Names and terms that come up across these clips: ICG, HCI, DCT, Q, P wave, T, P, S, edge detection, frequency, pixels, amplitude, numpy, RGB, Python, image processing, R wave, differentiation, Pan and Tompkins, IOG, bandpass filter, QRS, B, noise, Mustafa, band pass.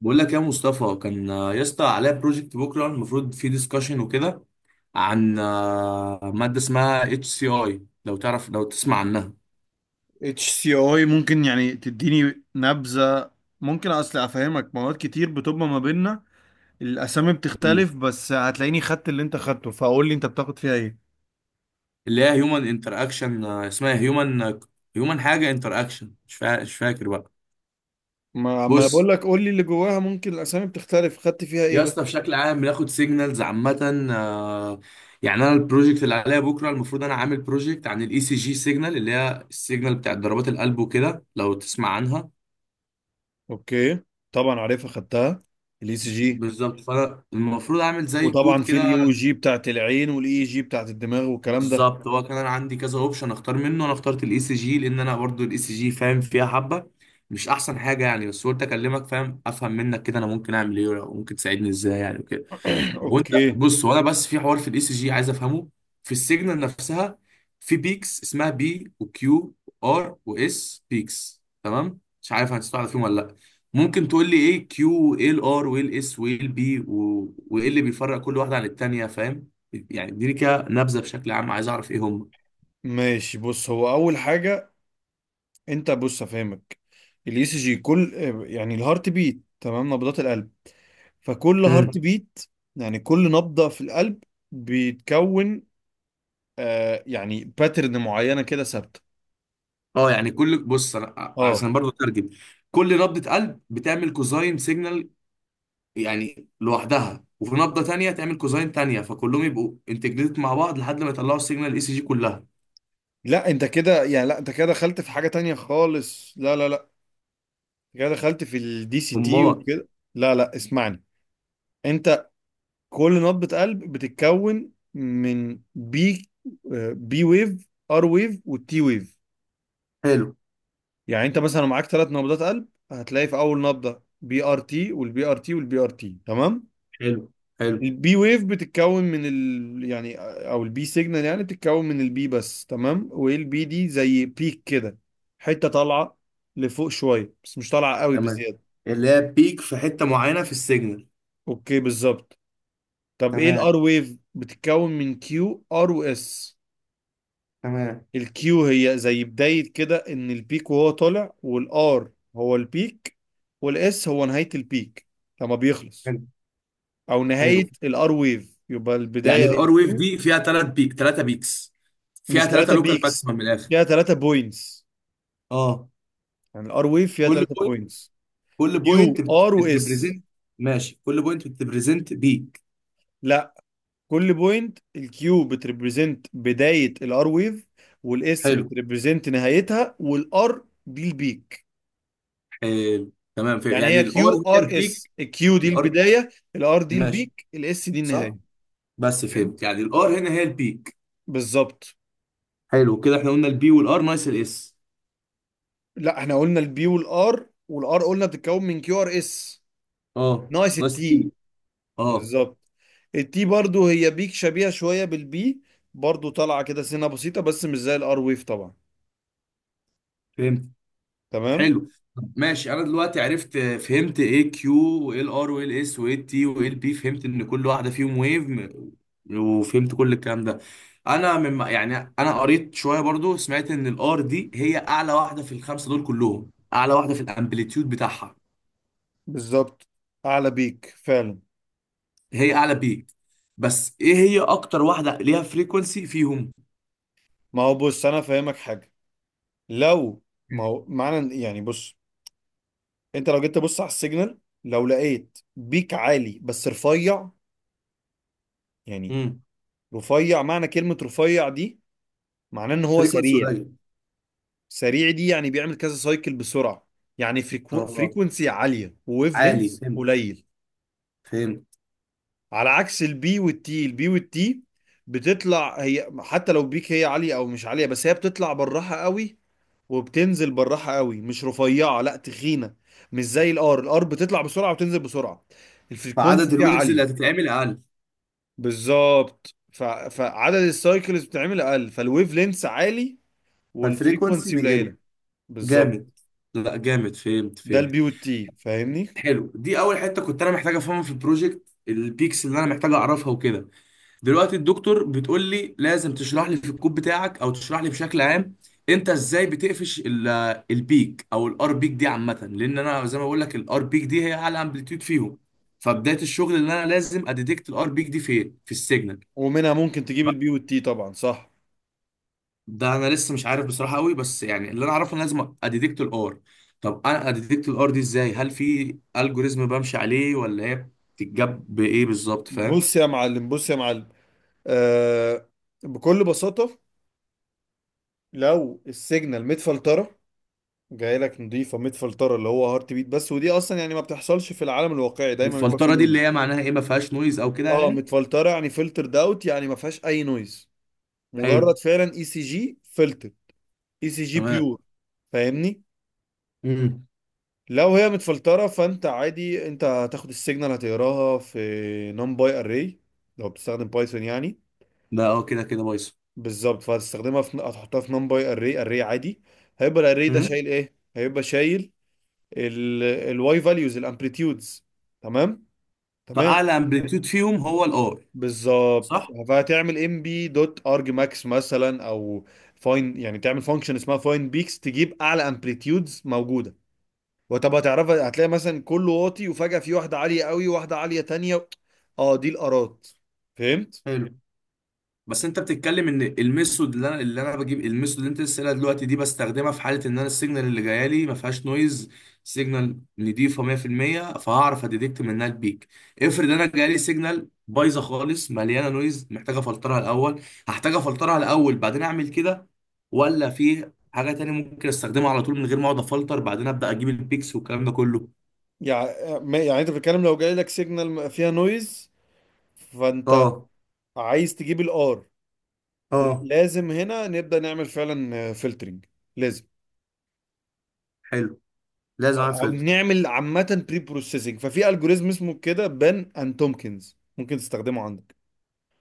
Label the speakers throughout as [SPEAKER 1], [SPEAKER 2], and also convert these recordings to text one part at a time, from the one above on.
[SPEAKER 1] بقول لك يا مصطفى، كان يا اسطى عليا بروجكت بكره المفروض فيه ديسكشن وكده عن ماده اسمها اتش سي اي، لو تعرف، لو تسمع عنها.
[SPEAKER 2] اتش سي اي، ممكن يعني تديني نبذة؟ ممكن اصل افهمك، مواد كتير بتبقى ما بيننا الاسامي
[SPEAKER 1] مم.
[SPEAKER 2] بتختلف، بس هتلاقيني خدت اللي انت خدته، فقول لي انت بتاخد فيها ايه.
[SPEAKER 1] اللي هي هيومن انتر اكشن، اسمها هيومن حاجه انتر اكشن، مش فاكر بقى.
[SPEAKER 2] ما انا
[SPEAKER 1] بص
[SPEAKER 2] بقول لك قول لي اللي جواها، ممكن الاسامي بتختلف، خدت فيها ايه
[SPEAKER 1] يا
[SPEAKER 2] بس.
[SPEAKER 1] اسطى، بشكل عام بناخد سيجنالز عامه، يعني انا البروجكت اللي عليا بكره المفروض، انا عامل بروجكت عن الاي سي جي سيجنال، اللي هي السيجنال بتاعت ضربات القلب وكده، لو تسمع عنها.
[SPEAKER 2] اوكي، طبعا عارفها خدتها، الاي سي جي.
[SPEAKER 1] بالظبط، فانا المفروض اعمل زي كود
[SPEAKER 2] وطبعا في الاي
[SPEAKER 1] كده.
[SPEAKER 2] او جي بتاعت العين، والاي جي بتاعت الدماغ والكلام ده.
[SPEAKER 1] بالظبط، هو كان انا عندي كذا اوبشن اختار منه، انا اخترت الاي سي جي لان انا برضو الاي سي جي فاهم فيها حبه. مش احسن حاجه يعني، بس قلت اكلمك فاهم، افهم منك كده انا ممكن اعمل ايه وممكن تساعدني ازاي يعني وكده. طب وانت
[SPEAKER 2] اوكي
[SPEAKER 1] بص، وانا بس في حوار في الاي سي جي عايز افهمه، في السيجنال نفسها، في بيكس اسمها بي وكيو وار واس بيكس، تمام؟ مش عارف هتستوعب فيهم ولا لا. ممكن تقول لي ايه كيو وايه الار وايه الاس وايه البي وايه اللي بيفرق كل واحده عن التانيه، فاهم؟ يعني اديني كده نبذه بشكل عام، عايز اعرف ايه هم.
[SPEAKER 2] ماشي، بص هو اول حاجة. انت بص افهمك، الاي سي جي كل يعني الهارت بيت، تمام؟ نبضات القلب. فكل هارت
[SPEAKER 1] امم.
[SPEAKER 2] بيت يعني كل نبضة في القلب بيتكون يعني باترن معينة كده ثابتة.
[SPEAKER 1] اه يعني كل بص، انا
[SPEAKER 2] اه،
[SPEAKER 1] عشان برضه اترجم، كل نبضه قلب بتعمل كوزاين سيجنال يعني لوحدها، وفي نبضه تانية تعمل كوزاين تانية، فكلهم يبقوا انتجريتد مع بعض لحد ما يطلعوا السيجنال الاي سي جي كلها.
[SPEAKER 2] لا انت كده يعني، لا انت كده دخلت في حاجة تانية خالص، لا. انت كده دخلت في الدي سي تي
[SPEAKER 1] امال.
[SPEAKER 2] وكده. لا اسمعني. انت كل نبضة قلب بتتكون من بي، بي ويف، ار ويف، والتي ويف.
[SPEAKER 1] حلو.
[SPEAKER 2] يعني انت مثلا لو معاك ثلاث نبضات قلب، هتلاقي في اول نبضة بي ار تي، والبي ار تي، والبي ار تي، تمام.
[SPEAKER 1] حلو. حلو،
[SPEAKER 2] البي ويف بتتكون من ال يعني، او البي سيجنال يعني بتتكون من البي بس، تمام؟ والبي دي زي بيك كده، حته طالعه لفوق شويه، بس مش طالعه قوي
[SPEAKER 1] تمام.
[SPEAKER 2] بزياده.
[SPEAKER 1] اللي هي بيك في حته معينه في السيجنال.
[SPEAKER 2] اوكي بالظبط. طب ايه
[SPEAKER 1] تمام،
[SPEAKER 2] الار ويف؟ بتتكون من كيو ار واس.
[SPEAKER 1] تمام.
[SPEAKER 2] الكيو هي زي بدايه كده ان البيك وهو طالع، والار هو البيك، والاس هو نهايه البيك لما بيخلص،
[SPEAKER 1] حلو،
[SPEAKER 2] او
[SPEAKER 1] حلو.
[SPEAKER 2] نهايه الار ويف. يبقى البدايه
[SPEAKER 1] يعني
[SPEAKER 2] هي
[SPEAKER 1] الار ويف
[SPEAKER 2] كيو.
[SPEAKER 1] دي فيها ثلاث بيك، ثلاثه بيكس، فيها
[SPEAKER 2] مش
[SPEAKER 1] ثلاثه
[SPEAKER 2] ثلاثه
[SPEAKER 1] لوكال
[SPEAKER 2] بيكس،
[SPEAKER 1] ماكسيمم من الاخر.
[SPEAKER 2] فيها ثلاثه بوينتس.
[SPEAKER 1] اه.
[SPEAKER 2] يعني الار ويف فيها
[SPEAKER 1] كل
[SPEAKER 2] ثلاثة
[SPEAKER 1] بوينت،
[SPEAKER 2] بوينتس:
[SPEAKER 1] كل
[SPEAKER 2] كيو
[SPEAKER 1] بوينت
[SPEAKER 2] ار واس.
[SPEAKER 1] بتريبريزنت. ماشي، كل بوينت بتريبريزنت بيك.
[SPEAKER 2] لا، كل بوينت، الكيو بتريبريزنت بداية الار ويف، والاس
[SPEAKER 1] حلو،
[SPEAKER 2] بتريبريزنت نهايتها، والار دي البيك.
[SPEAKER 1] حلو، تمام، في
[SPEAKER 2] يعني
[SPEAKER 1] يعني
[SPEAKER 2] هي
[SPEAKER 1] الار
[SPEAKER 2] كيو
[SPEAKER 1] هي
[SPEAKER 2] ار اس،
[SPEAKER 1] البيك.
[SPEAKER 2] الكيو دي
[SPEAKER 1] الار.
[SPEAKER 2] البداية، الار دي
[SPEAKER 1] ماشي.
[SPEAKER 2] البيك، الاس دي
[SPEAKER 1] صح.
[SPEAKER 2] النهاية.
[SPEAKER 1] بس فهمت
[SPEAKER 2] فهمت؟
[SPEAKER 1] يعني الار هنا هي البيك.
[SPEAKER 2] بالظبط.
[SPEAKER 1] حلو كده، احنا قلنا البي والار ناقص الاس.
[SPEAKER 2] لا احنا قلنا البي والار، والار قلنا بتتكون من كيو ار اس.
[SPEAKER 1] اه
[SPEAKER 2] ناقص
[SPEAKER 1] ناقص
[SPEAKER 2] التي.
[SPEAKER 1] تي. اه،
[SPEAKER 2] بالظبط. التي برضو هي بيك شبيهة شوية بالبي، برضو طالعة كده سنة بسيطة بس مش زي الار ويف طبعا.
[SPEAKER 1] فهمت.
[SPEAKER 2] تمام.
[SPEAKER 1] حلو. طب ماشي، انا دلوقتي عرفت فهمت ايه كيو وايه الار وايه الاس وايه التي وايه البي، فهمت ان كل واحده فيهم ويف، وفهمت كل الكلام ده. انا من يعني، انا قريت شويه برضو، سمعت ان الار دي هي اعلى واحده في الخمسه دول كلهم، اعلى واحده في الامبليتيود بتاعها.
[SPEAKER 2] بالظبط، اعلى بيك فعلا.
[SPEAKER 1] هي اعلى بيك. بس ايه، هي اكتر واحده ليها فريكونسي فيهم؟
[SPEAKER 2] ما هو بص، انا فاهمك حاجه. لو، ما هو معنى يعني، بص انت لو جيت تبص على السيجنال، لو لقيت بيك عالي بس رفيع، يعني
[SPEAKER 1] امم.
[SPEAKER 2] رفيع، معنى كلمه رفيع دي معناه ان هو
[SPEAKER 1] فريكونسي
[SPEAKER 2] سريع.
[SPEAKER 1] قليل.
[SPEAKER 2] سريع دي يعني بيعمل كذا سايكل بسرعه، يعني
[SPEAKER 1] اه،
[SPEAKER 2] فريكونسي عاليه، وويف
[SPEAKER 1] عالي،
[SPEAKER 2] لينس
[SPEAKER 1] فهمت،
[SPEAKER 2] قليل.
[SPEAKER 1] فهمت.
[SPEAKER 2] على عكس البي والتي، البي والتي بتطلع هي، حتى لو بيك هي عاليه او مش عاليه، بس هي بتطلع بالراحه قوي وبتنزل بالراحه قوي، مش رفيعه، لا تخينه. مش زي الار، الار بتطلع بسرعه وتنزل بسرعه، الفريكونسي
[SPEAKER 1] فعدد
[SPEAKER 2] فيها
[SPEAKER 1] الويفز اللي
[SPEAKER 2] عاليه.
[SPEAKER 1] هتتعمل اقل.
[SPEAKER 2] بالظبط، فعدد السايكلز بتعمل اقل، فالويف لينس عالي
[SPEAKER 1] فالفريكونسي
[SPEAKER 2] والفريكونسي
[SPEAKER 1] بيقل.
[SPEAKER 2] قليله. بالظبط.
[SPEAKER 1] جامد. لا جامد، فهمت،
[SPEAKER 2] ده
[SPEAKER 1] فهمت.
[SPEAKER 2] البي والتي فاهمني؟
[SPEAKER 1] حلو، دي اول حته كنت انا محتاج افهمها في البروجكت، البيكس اللي انا محتاج اعرفها وكده. دلوقتي الدكتور بتقول لي لازم تشرح لي في الكود بتاعك او تشرح لي بشكل عام انت ازاي بتقفش البيك، او الار بيك دي عامه، لان انا زي ما بقول لك الار بيك دي هي اعلى امبليتيود فيهم. فبدايه الشغل اللي انا لازم اديتكت الار بيك دي فين في السيجنال.
[SPEAKER 2] ومنها ممكن تجيب البي والتي طبعا، صح.
[SPEAKER 1] ده انا لسه مش عارف بصراحه قوي، بس يعني اللي انا اعرفه ان لازم اديتكت الار. طب انا اديتكت الار دي ازاي؟ هل في الجوريزم بمشي عليه، ولا هي بتتجاب بايه بالظبط، فاهم؟
[SPEAKER 2] بص يا معلم، بص يا معلم. آه بكل بساطه، لو السيجنال متفلتره، جاي لك نضيفه متفلتره اللي هو هارت بيت بس، ودي اصلا يعني ما بتحصلش في العالم الواقعي، دايما بيبقى فيه
[SPEAKER 1] الفلتره دي اللي
[SPEAKER 2] نويز.
[SPEAKER 1] هي معناها ايه، ما فيهاش نويز او كده
[SPEAKER 2] اه
[SPEAKER 1] يعني؟
[SPEAKER 2] متفلتره، يعني فلتر داوت، يعني ما فيهاش اي نويز،
[SPEAKER 1] حلو.
[SPEAKER 2] مجرد فعلا اي سي جي فلتر. اي سي جي
[SPEAKER 1] تمام.
[SPEAKER 2] بيور، فاهمني؟
[SPEAKER 1] امم.
[SPEAKER 2] لو هي متفلتره، فانت عادي انت هتاخد السيجنال، هتقراها في نum باي اري، لو بتستخدم بايثون يعني.
[SPEAKER 1] ده اه، كده كده بايظ.
[SPEAKER 2] بالظبط، فهتستخدمها في، هتحطها في نم باي اري اري عادي. هيبقى الاري ده
[SPEAKER 1] امم.
[SPEAKER 2] شايل ايه؟ هيبقى شايل الواي فاليوز، الامبليتيودز. تمام، تمام.
[SPEAKER 1] فاعلى امبليتيود فيهم هو الار.
[SPEAKER 2] بالظبط.
[SPEAKER 1] صح.
[SPEAKER 2] فهتعمل ام بي دوت ارج ماكس مثلا، او فاين، يعني تعمل فانكشن اسمها فاين بيكس، تجيب اعلى امبليتيودز موجوده. وطب هتعرفها؟ هتلاقي مثلا كله واطي، وفجاه في واحده عاليه قوي وواحده عاليه تانية، اه دي الارات. فهمت؟
[SPEAKER 1] حلو. بس انت بتتكلم ان الميثود اللي انا بجيب، الميثود اللي انت لسه قايلها دلوقتي دي، بستخدمها في حاله ان انا السيجنال اللي جايه لي ما فيهاش نويز، سيجنال نضيفه 100%، فهعرف اديتكت منها البيك. افرض انا جاي لي سيجنال بايظه خالص مليانه نويز، محتاجه افلترها الاول، هحتاج افلترها الاول بعدين اعمل كده؟ ولا في حاجه تانية ممكن استخدمها على طول من غير ما اقعد افلتر، بعدين ابدا اجيب البيكس والكلام ده كله؟
[SPEAKER 2] يعني يعني انت بتتكلم، لو جاي لك سيجنال فيها نويز، فانت
[SPEAKER 1] اه.
[SPEAKER 2] عايز تجيب الار. لا،
[SPEAKER 1] اه.
[SPEAKER 2] لازم هنا نبدا نعمل فعلا فلترنج، لازم.
[SPEAKER 1] حلو، لازم اعمل
[SPEAKER 2] او
[SPEAKER 1] فلتر.
[SPEAKER 2] نعمل عامه بري بروسيسنج، ففي الجوريزم اسمه كده بان اند تومكنز، ممكن تستخدمه عندك.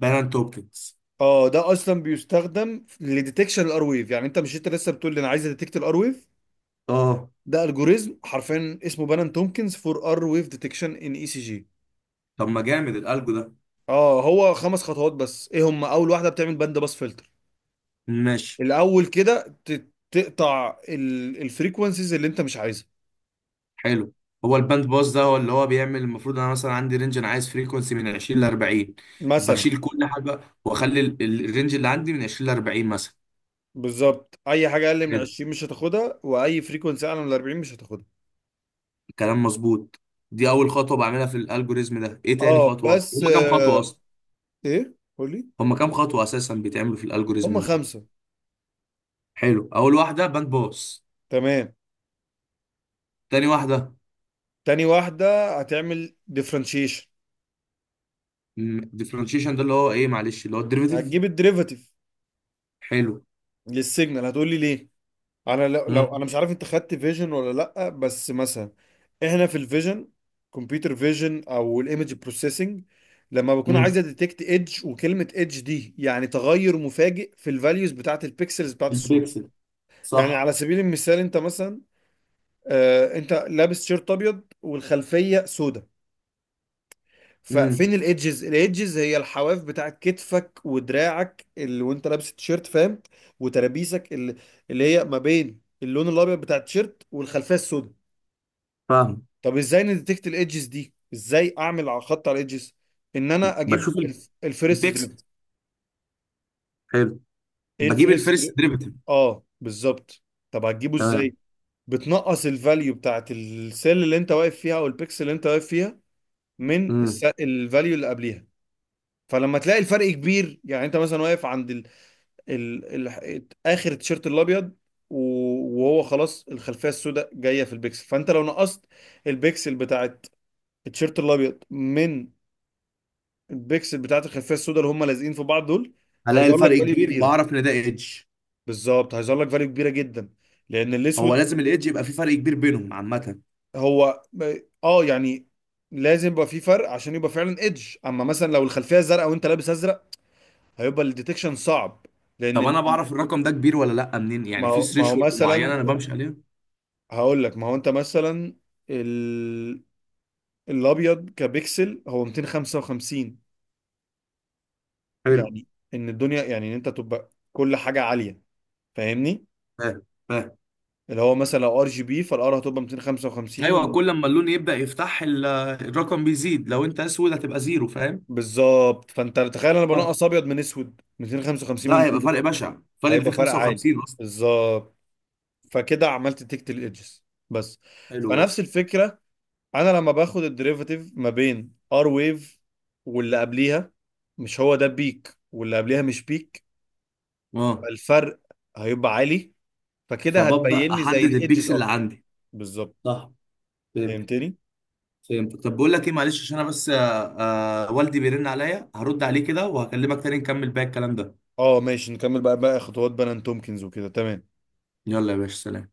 [SPEAKER 1] بارنت اوبتكس.
[SPEAKER 2] اه ده اصلا بيستخدم لديتكشن الار ويف، يعني انت مش انت لسه بتقول لي انا عايز اديتكت الار ويف؟
[SPEAKER 1] اه
[SPEAKER 2] ده الجوريزم حرفيا اسمه بان اند تومكنز فور ار ويف ديتكشن ان اي سي جي.
[SPEAKER 1] طب ما جامد الالجو ده.
[SPEAKER 2] اه، هو خمس خطوات بس. ايه هم؟ اول واحده بتعمل باند باس فلتر،
[SPEAKER 1] ماشي.
[SPEAKER 2] الاول كده تقطع الفريكونسيز اللي انت مش عايزها.
[SPEAKER 1] حلو، هو الباند باس ده هو اللي هو بيعمل، المفروض انا مثلا عندي رينج، انا عايز فريكونسي من 20 ل 40،
[SPEAKER 2] مثلا
[SPEAKER 1] بشيل كل حاجه واخلي الرينج اللي عندي من 20 ل 40 مثلا.
[SPEAKER 2] بالظبط، اي حاجه اقل من
[SPEAKER 1] حلو،
[SPEAKER 2] 20 مش هتاخدها، واي فريكونسي اعلى من 40 مش هتاخدها.
[SPEAKER 1] الكلام مظبوط. دي اول خطوه بعملها في الالجوريزم ده، ايه تاني
[SPEAKER 2] اه
[SPEAKER 1] خطوه؟
[SPEAKER 2] بس
[SPEAKER 1] هما كام خطوه اصلا؟
[SPEAKER 2] ايه؟ قولي.
[SPEAKER 1] هما كام خطوه اساسا بيتعملوا في
[SPEAKER 2] هم
[SPEAKER 1] الالجوريزم ده؟
[SPEAKER 2] خمسة.
[SPEAKER 1] حلو، اول واحده باند باس.
[SPEAKER 2] تمام،
[SPEAKER 1] تاني واحده.
[SPEAKER 2] تاني واحدة هتعمل ديفرنشيشن.
[SPEAKER 1] ديفرنشيشن ده اللي هو ايه معلش، اللي هو الديريفيتيف.
[SPEAKER 2] هتجيب الديريفاتيف
[SPEAKER 1] حلو.
[SPEAKER 2] للسيجنال. هتقولي ليه؟ انا لو
[SPEAKER 1] امم.
[SPEAKER 2] انا مش عارف انت خدت فيجن ولا لا، بس مثلا احنا في الفيجن، كمبيوتر فيجن او الايمج بروسيسنج، لما بكون
[SPEAKER 1] امم،
[SPEAKER 2] عايزه ديتكت ايدج، وكلمه ايدج دي يعني تغير مفاجئ في الفاليوز بتاعت البيكسلز بتاعت الصوره.
[SPEAKER 1] البيكسل،
[SPEAKER 2] يعني
[SPEAKER 1] صح.
[SPEAKER 2] على سبيل المثال، انت مثلا، انت لابس شيرت ابيض والخلفيه سوداء،
[SPEAKER 1] امم.
[SPEAKER 2] ففين الايدجز؟ الايدجز هي الحواف بتاعت كتفك ودراعك اللي وانت لابس التيشيرت، فاهم؟ وترابيسك، اللي هي ما بين اللون الابيض بتاع التيشيرت والخلفيه السوداء.
[SPEAKER 1] فاهم.
[SPEAKER 2] طب ازاي نديتكت الايدجز دي؟ ازاي اعمل على خط على الايدجز؟ ان انا اجيب
[SPEAKER 1] بشوف
[SPEAKER 2] الفيرست
[SPEAKER 1] البيكسل.
[SPEAKER 2] دريفل.
[SPEAKER 1] حلو.
[SPEAKER 2] ايه
[SPEAKER 1] بجيب
[SPEAKER 2] الفيرست
[SPEAKER 1] الفيرست
[SPEAKER 2] دريفل؟
[SPEAKER 1] ديريفيتيف.
[SPEAKER 2] اه بالظبط. طب هتجيبه
[SPEAKER 1] تمام.
[SPEAKER 2] ازاي؟ بتنقص الفاليو بتاعت السيل اللي انت واقف فيها، او البيكسل اللي انت واقف فيها، من
[SPEAKER 1] امم.
[SPEAKER 2] الفاليو اللي قبليها. فلما تلاقي الفرق كبير، يعني انت مثلا واقف عند اخر التيشيرت الابيض، و- وهو خلاص الخلفيه السوداء جايه في البيكسل، فانت لو نقصت البيكسل بتاعت التيشيرت الابيض من البيكسل بتاعت الخلفيه السوداء، اللي هم لازقين في بعض دول،
[SPEAKER 1] هلاقي
[SPEAKER 2] هيظهر لك
[SPEAKER 1] الفرق
[SPEAKER 2] فاليو
[SPEAKER 1] كبير
[SPEAKER 2] كبيره.
[SPEAKER 1] فاعرف ان ده ايدج.
[SPEAKER 2] بالظبط، هيظهر لك فاليو كبيره جدا، لان
[SPEAKER 1] هو
[SPEAKER 2] الاسود
[SPEAKER 1] لازم الايدج يبقى في فرق كبير بينهم عامه؟
[SPEAKER 2] هو، اه يعني لازم يبقى في فرق عشان يبقى فعلا ايدج. اما مثلا لو الخلفيه زرقاء وانت لابس ازرق، هيبقى الديتكشن صعب، لان
[SPEAKER 1] طب انا بعرف الرقم ده كبير ولا لا منين
[SPEAKER 2] ما
[SPEAKER 1] يعني، في
[SPEAKER 2] هو، ما هو
[SPEAKER 1] ثريشولد
[SPEAKER 2] مثلا
[SPEAKER 1] معينه انا بمشي عليها؟
[SPEAKER 2] هقول لك. ما هو انت مثلا ال... الابيض كبيكسل هو 255،
[SPEAKER 1] حلو.
[SPEAKER 2] يعني ان الدنيا، يعني ان انت تبقى كل حاجه عاليه، فاهمني؟
[SPEAKER 1] فاهم، فاهم.
[SPEAKER 2] اللي هو مثلا لو ار جي بي، فالار هتبقى 255
[SPEAKER 1] ايوه
[SPEAKER 2] و...
[SPEAKER 1] كل ما اللون يبدا يفتح الرقم بيزيد، لو انت اسود هتبقى زيرو، فاهم؟
[SPEAKER 2] بالظبط، فانت تخيل انا
[SPEAKER 1] فاهم.
[SPEAKER 2] بنقص ابيض من اسود، 255
[SPEAKER 1] لا
[SPEAKER 2] من
[SPEAKER 1] هيبقى
[SPEAKER 2] زيرو،
[SPEAKER 1] فرق بشع، فرق
[SPEAKER 2] هيبقى فرق عالي.
[SPEAKER 1] 255 اصلا.
[SPEAKER 2] بالظبط، فكده عملت تكت الادجز بس.
[SPEAKER 1] حلو جدا.
[SPEAKER 2] فنفس الفكره، انا لما باخد الديريفاتيف ما بين ار ويف واللي قبليها، مش هو ده بيك واللي قبليها مش بيك؟
[SPEAKER 1] اه،
[SPEAKER 2] فالفرق هيبقى عالي، فكده
[SPEAKER 1] فببدا
[SPEAKER 2] هتبين لي زي
[SPEAKER 1] احدد
[SPEAKER 2] الايدجز
[SPEAKER 1] البيكسل اللي
[SPEAKER 2] اكتر.
[SPEAKER 1] عندي.
[SPEAKER 2] بالظبط.
[SPEAKER 1] صح. فهمت،
[SPEAKER 2] فهمتني؟
[SPEAKER 1] فهمت. طب بقول لك ايه معلش، عشان انا بس والدي بيرن عليا، هرد عليه كده وهكلمك تاني نكمل باقي الكلام ده.
[SPEAKER 2] اه ماشي نكمل، بقى بقى خطوات بنان تومكنز وكده، تمام.
[SPEAKER 1] يلا يا باشا، سلام.